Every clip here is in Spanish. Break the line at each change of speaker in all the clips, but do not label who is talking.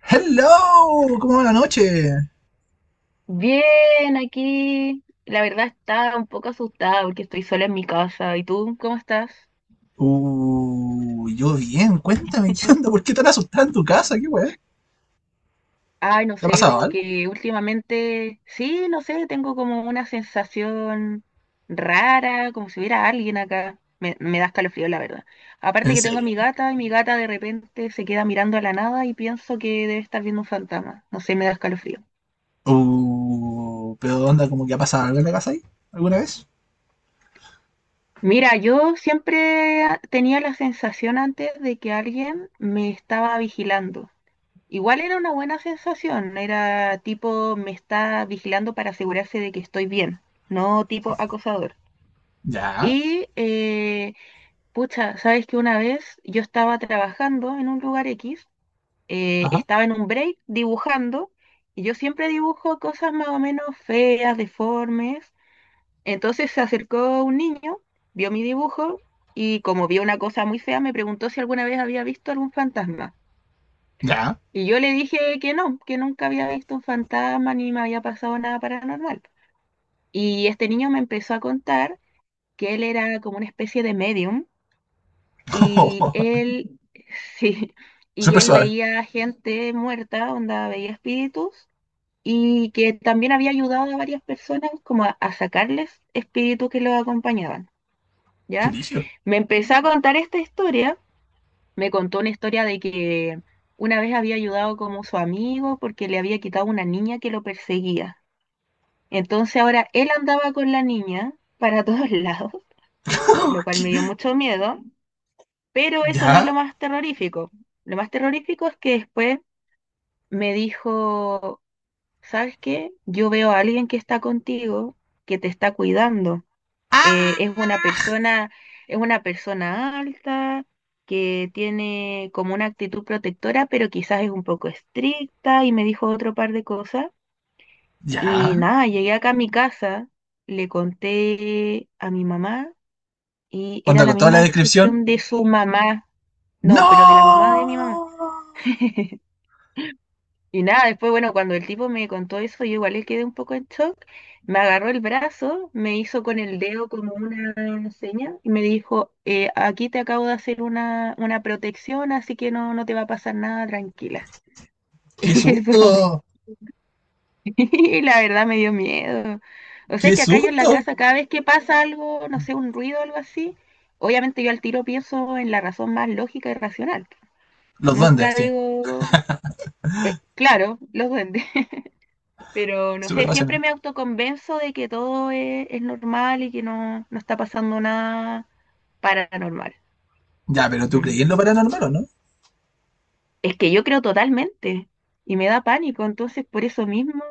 Hello, ¿cómo va la noche?
Bien, aquí la verdad está un poco asustada porque estoy sola en mi casa. ¿Y tú cómo estás?
Yo bien, cuéntame, ¿qué onda? ¿Por qué tan asustada en tu casa? ¿Qué weá?
Ay, no
¿Te ha
sé,
pasado
como
algo?
que últimamente, sí, no sé, tengo como una sensación rara, como si hubiera alguien acá. Me da escalofrío, la verdad. Aparte
¿En
que tengo a
serio?
mi gata y mi gata de repente se queda mirando a la nada y pienso que debe estar viendo un fantasma. No sé, me da escalofrío.
Pero onda, ¿como que ha pasado algo en la casa ahí? ¿Alguna vez?
Mira, yo siempre tenía la sensación antes de que alguien me estaba vigilando. Igual era una buena sensación, era tipo me está vigilando para asegurarse de que estoy bien, no tipo acosador.
Ya,
Y, eh, pucha, sabes que una vez yo estaba trabajando en un lugar X.
ajá,
Estaba en un break dibujando, y yo siempre dibujo cosas más o menos feas, deformes. Entonces se acercó un niño, vio mi dibujo, y como vio una cosa muy fea, me preguntó si alguna vez había visto algún fantasma.
ya.
Y yo le dije que no, que nunca había visto un fantasma ni me había pasado nada paranormal. Y este niño me empezó a contar que él era como una especie de medium y él, sí, y
Súper
él
suave.
veía gente muerta, onda, veía espíritus y que también había ayudado a varias personas como a sacarles espíritus que los acompañaban,
¿Qué
¿ya?
brillo?
Me empezó a contar esta historia, me contó una historia de que una vez había ayudado como su amigo porque le había quitado una niña que lo perseguía. Entonces ahora él andaba con la niña para todos lados, lo cual
¿Qué?
me dio mucho miedo, pero eso no es lo
¿Ya?
más terrorífico. Lo más terrorífico es que después me dijo, ¿sabes qué? Yo veo a alguien que está contigo, que te está cuidando. eh, es una
¡Ah!
persona, es una persona alta, que tiene como una actitud protectora, pero quizás es un poco estricta y me dijo otro par de cosas.
¿Ya?
Y nada, llegué acá a mi casa, le conté a mi mamá y era
¿Onda
la
con toda
misma
la descripción?
descripción de su mamá, no, pero de la mamá de mi mamá.
¡No!
Y nada, después, bueno, cuando el tipo me contó eso, yo igual le quedé un poco en shock. Me agarró el brazo, me hizo con el dedo como una seña y me dijo, aquí te acabo de hacer una protección, así que no, no te va a pasar nada, tranquila.
¡Qué
Y eso,
susto!
y la verdad me dio miedo. O sea
¡Qué
que acá yo en la
susto!
casa, cada vez que pasa algo, no sé, un ruido o algo así, obviamente yo al tiro pienso en la razón más lógica y racional.
Los duendes,
Nunca
sí.
digo, claro, los duendes. Pero no
Súper
sé, siempre
racional.
me autoconvenzo de que todo es normal y que no, no está pasando nada paranormal.
Ya, ¿pero tú crees
Mm.
en lo paranormal o no?
Es que yo creo totalmente y me da pánico, entonces por eso mismo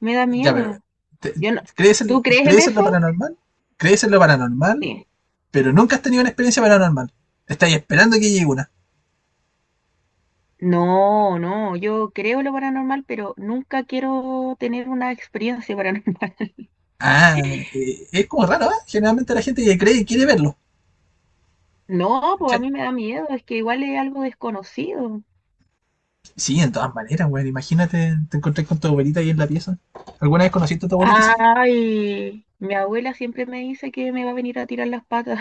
me da
Ya, pero
miedo.
te-
Yo no, ¿tú crees en
crees en lo
eso?
paranormal, crees en lo paranormal,
Sí.
pero nunca has tenido una experiencia paranormal. Estás esperando que llegue una.
No, no, yo creo lo paranormal, pero nunca quiero tener una experiencia paranormal.
Ah, es como raro, ¿eh? Generalmente la gente que cree y quiere verlo.
No, pues a
¿Cachai?
mí me da miedo, es que igual es algo desconocido.
Sí, en todas maneras, güey. Imagínate, te encontrás con tu abuelita ahí en la pieza. ¿Alguna vez conociste a tu abuelita siquiera?
Ay, mi abuela siempre me dice que me va a venir a tirar las patas.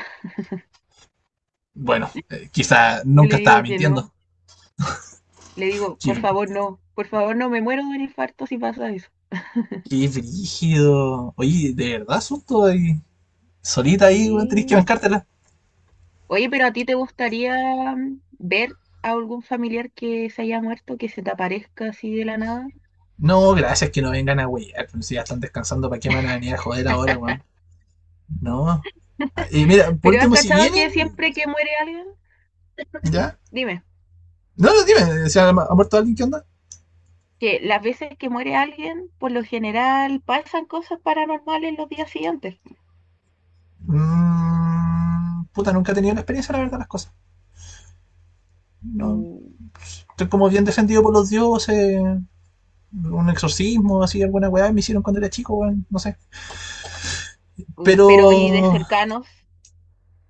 Bueno, quizá
Yo le
nunca estaba
digo que
mintiendo.
no. Le digo, por
Qué,
favor, no. Por favor, no me muero de un infarto si pasa eso.
qué brígido. Oye, ¿de verdad, asunto ahí? Solita ahí, güey, tenés que
Sí.
bancártela.
Oye, pero ¿a ti te gustaría ver a algún familiar que se haya muerto, que se te aparezca así de la nada?
No, gracias que no vengan a huear. Pero si ya están descansando, ¿para qué me van a venir a joder ahora, weón? No. Y mira, por
Pero ¿has
último, si
cachado
vienen,
que siempre que muere alguien?
ya.
Dime,
No, no, dime. ¿Se ha muerto alguien? ¿Qué onda?
que las veces que muere alguien, por lo general pasan cosas paranormales los días siguientes.
Mm, puta, nunca he tenido la experiencia, la verdad, las cosas. No,
Mm.
estoy como bien defendido por los dioses. Un exorcismo, así, alguna weá me hicieron cuando era chico, weón. No sé.
Pero ¿y de
Pero.
cercanos?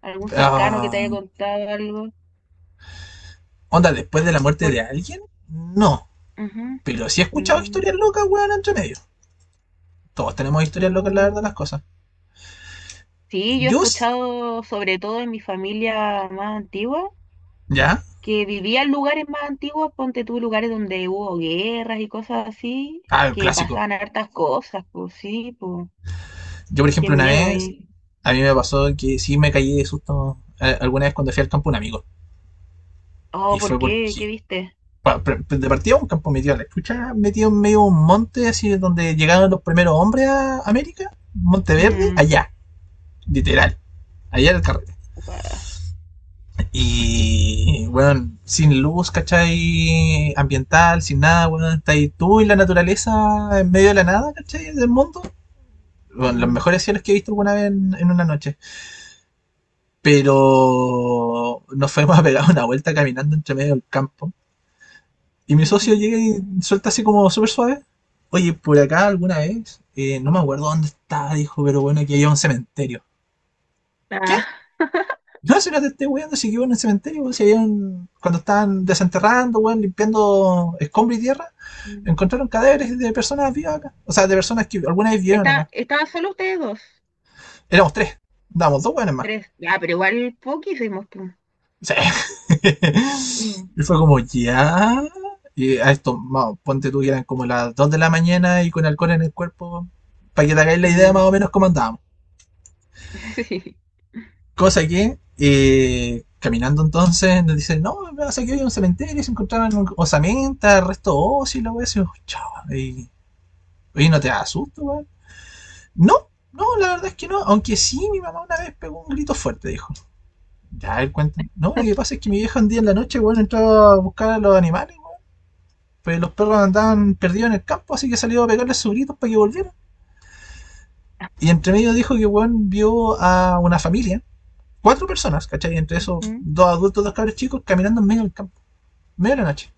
¿Algún cercano que te haya
Ah,
contado algo?
onda, después de la muerte
Por...
de alguien, no.
Ujú.
Pero sí he escuchado historias
Mm.
locas, weón, entre medio. Todos tenemos historias locas, la verdad,
Uh.
las cosas.
Sí, yo he
Yo,
escuchado, sobre todo en mi familia más antigua,
ya,
que vivía en lugares más antiguos, ponte tú lugares donde hubo guerras y cosas así,
ah, el
que
clásico.
pasaban hartas cosas, pues sí, pues
Yo, por
qué
ejemplo, una
miedo
vez,
ahí.
a mí me pasó que sí me caí de susto alguna vez cuando fui al campo un amigo.
Oh,
Y
¿por
fue
qué? ¿Qué
porque,
viste?
de partida un campo metido a la chucha, metido en medio de un monte, así donde llegaron los primeros hombres a América, Monte Verde,
Mm,
allá, literal, allá en el carrete.
ah,
Y, bueno, sin luz, ¿cachai? Ambiental, sin nada. Bueno, está ahí tú y la naturaleza en medio de la nada, ¿cachai? Del mundo. Bueno, los
mm,
mejores cielos que he visto alguna vez en una noche. Pero nos fuimos a pegar una vuelta caminando entre medio del campo. Y mi socio
ujú.
llega y suelta así como súper suave. Oye, por acá alguna vez, no me acuerdo dónde estaba, dijo, pero bueno, aquí había un cementerio. ¿Qué?
Ah,
No, si no te estoy weando, si que iba en el cementerio, weón, si había un- cuando estaban desenterrando, weón, limpiando escombro y tierra,
mm.
encontraron cadáveres de personas vivas acá. O sea, de personas que alguna vez vivieron
Está-
acá.
¿Estaban solo ustedes dos?
Éramos tres, damos dos weones más.
Tres. Ah, pero igual poquísimos, pues.
Sí.
Mm,
Y fue como, ya. Y a esto, vamos, ponte tú que eran como las 2 de la mañana y con alcohol en el cuerpo, para que te hagáis la idea más
mm.
o menos cómo andábamos.
Sí.
Cosa que, caminando entonces, nos dicen, no, no sé que había un cementerio, se encontraban osamentas, restos óseos y la wea, así, oh, chao, y, oye, ¿no te da susto, weón? No, no, la verdad es que no, aunque sí, mi mamá una vez pegó un grito fuerte, dijo. Ya, él cuenta. No, lo que pasa es que mi vieja un día en la noche, weón, entró a buscar a los animales. Pues los perros andaban perdidos en el campo, así que salió a pegarles sus gritos para que volvieran. Y entre medio dijo que weón vio a una familia, cuatro personas, ¿cachai? Entre esos
Ujú.
dos adultos, dos cabros chicos, caminando en medio del campo, medio de la noche,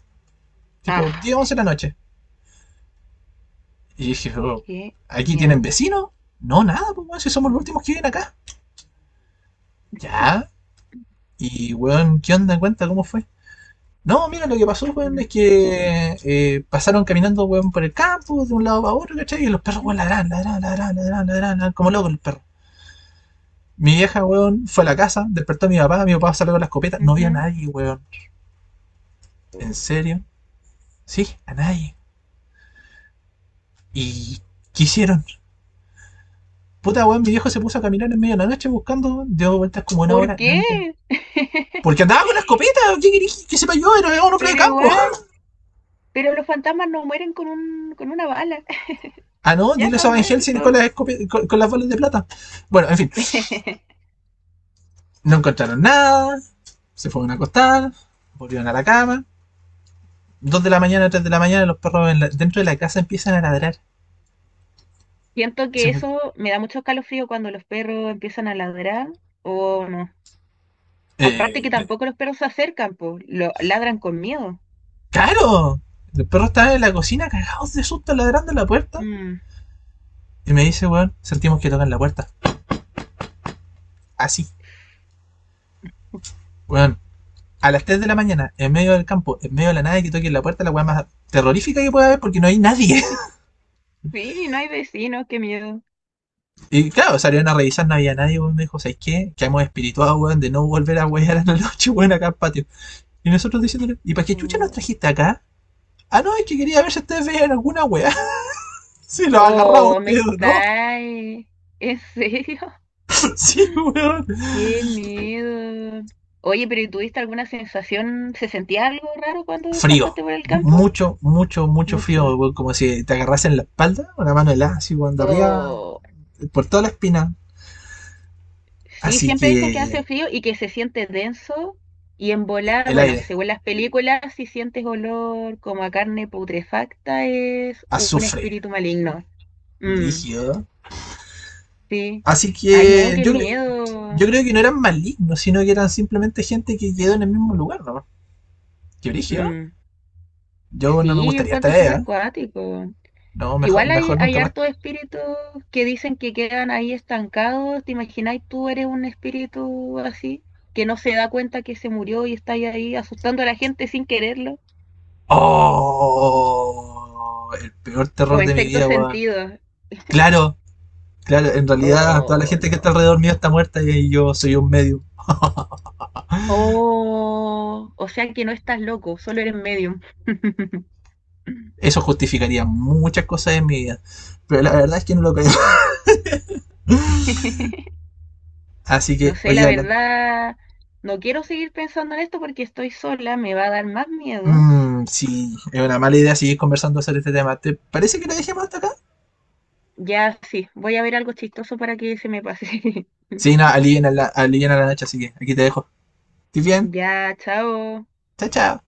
tipo 10,
Ah,
11 de la noche. Y dije, oh,
qué
¿aquí tienen
miedo.
vecinos? No, nada, pues weón, si somos los
Mm,
últimos que viven acá. Ya, y weón, ¿qué onda? Cuenta cómo fue. No, mira, lo que pasó, weón, es
mm.
que pasaron caminando, weón, por el campo, de un lado a otro, ¿cachai? Y los perros,
Mm.
weón, ladran, ladran, ladran, ladran, ladran, ladran, como locos los perros. Mi vieja, weón, fue a la casa, despertó a mi papá. Mi papá salió con la escopeta, no vio a
Ujú.
nadie, weón. ¿En serio? Sí, a nadie. ¿Y qué hicieron? Puta, weón, mi viejo se puso a caminar en medio de la noche buscando, dio vueltas como una
¿Por
hora, no
qué?
encontró. Porque andaba con la escopeta, ¿qué querés que sepa yo? Era un hombre de
Pero
campo.
igual, pero los fantasmas no mueren con un, con una bala,
Ah, no,
ya
dile eso a
están
Van Helsing
muertos.
con las, escope- con las bolas de plata. Bueno, en fin, no encontraron nada, se fueron a acostar, volvieron a la cama. 2 de la mañana, 3 de la mañana, los perros en dentro de la casa empiezan a ladrar.
Siento que eso me da mucho escalofrío cuando los perros empiezan a ladrar o no. Aparte
eh,
que tampoco los perros se acercan, po, lo ladran con miedo.
¡Claro! El perro estaba en la cocina cagados de susto ladrando en la puerta.
Mm,
Y me dice, weón, sentimos que tocan la puerta. Así, weón. A las 3 de la mañana, en medio del campo, en medio de la nada, que toquen la puerta, la weá más terrorífica que pueda haber porque no hay nadie.
sí, no hay vecinos, qué miedo.
Y claro, salieron a revisar, no había nadie, weón. Me dijo, ¿sabes qué? Que hemos espirituado, weón, de no volver a wear a la noche, weón, acá al patio. Y nosotros diciéndole, ¿y para qué chucha nos
Oh,
trajiste acá? Ah, no, es que quería ver si ustedes veían alguna weá. Si lo agarraba
oh, me
usted o no.
está... ¿En serio?
Sí, weón.
Qué miedo. Oye, pero ¿y tuviste alguna sensación? ¿Se sentía algo raro cuando
Frío.
pasaste por el campo?
Mucho, mucho, mucho
Mucho.
frío, weón, como si te agarrasen la espalda, una mano helada, así, weón, de arriba,
O
por toda la espina.
sí,
Así
siempre dicen que
que
hace frío y que se siente denso y en volar,
el
bueno,
aire,
según las películas, si sientes olor como a carne putrefacta es un
azufre,
espíritu maligno. Mm,
rígido.
sí.
Así
Ay, no,
que
qué
yo, yo
miedo.
creo que no eran malignos, sino que eran simplemente gente que quedó en el mismo lugar, ¿no? ¿Qué brígido?
Mm,
Yo no me
sí,
gustaría estar
encuentro
allá.
súper
¿Eh?
cuático.
No,
Que
mejor,
igual hay,
mejor
hay
nunca más.
hartos espíritus que dicen que quedan ahí estancados. ¿Te imagináis tú eres un espíritu así que no se da cuenta que se murió y está ahí, ahí asustando a la gente sin quererlo?
¡Oh! El peor
Como
terror
en
de mi
sexto
vida, weón.
sentido.
Claro, claro, en realidad toda la
Oh,
gente que está
no.
alrededor mío está muerta y yo soy un medio.
Oh, o sea que no estás loco, solo eres medium.
Eso justificaría muchas cosas en mi vida. Pero la verdad es que no lo creo. Así
No
que,
sé, la
oye, hablando.
verdad, no quiero seguir pensando en esto porque estoy sola, me va a dar más miedo.
Mmm, sí, es una mala idea seguir conversando sobre este tema. ¿Te parece que lo dejemos hasta acá?
Ya sí, voy a ver algo chistoso para que se me pase.
Sí, no, alivien a la noche, así que aquí te dejo. ¿Estás bien?
Ya, chao.
Chao, chao.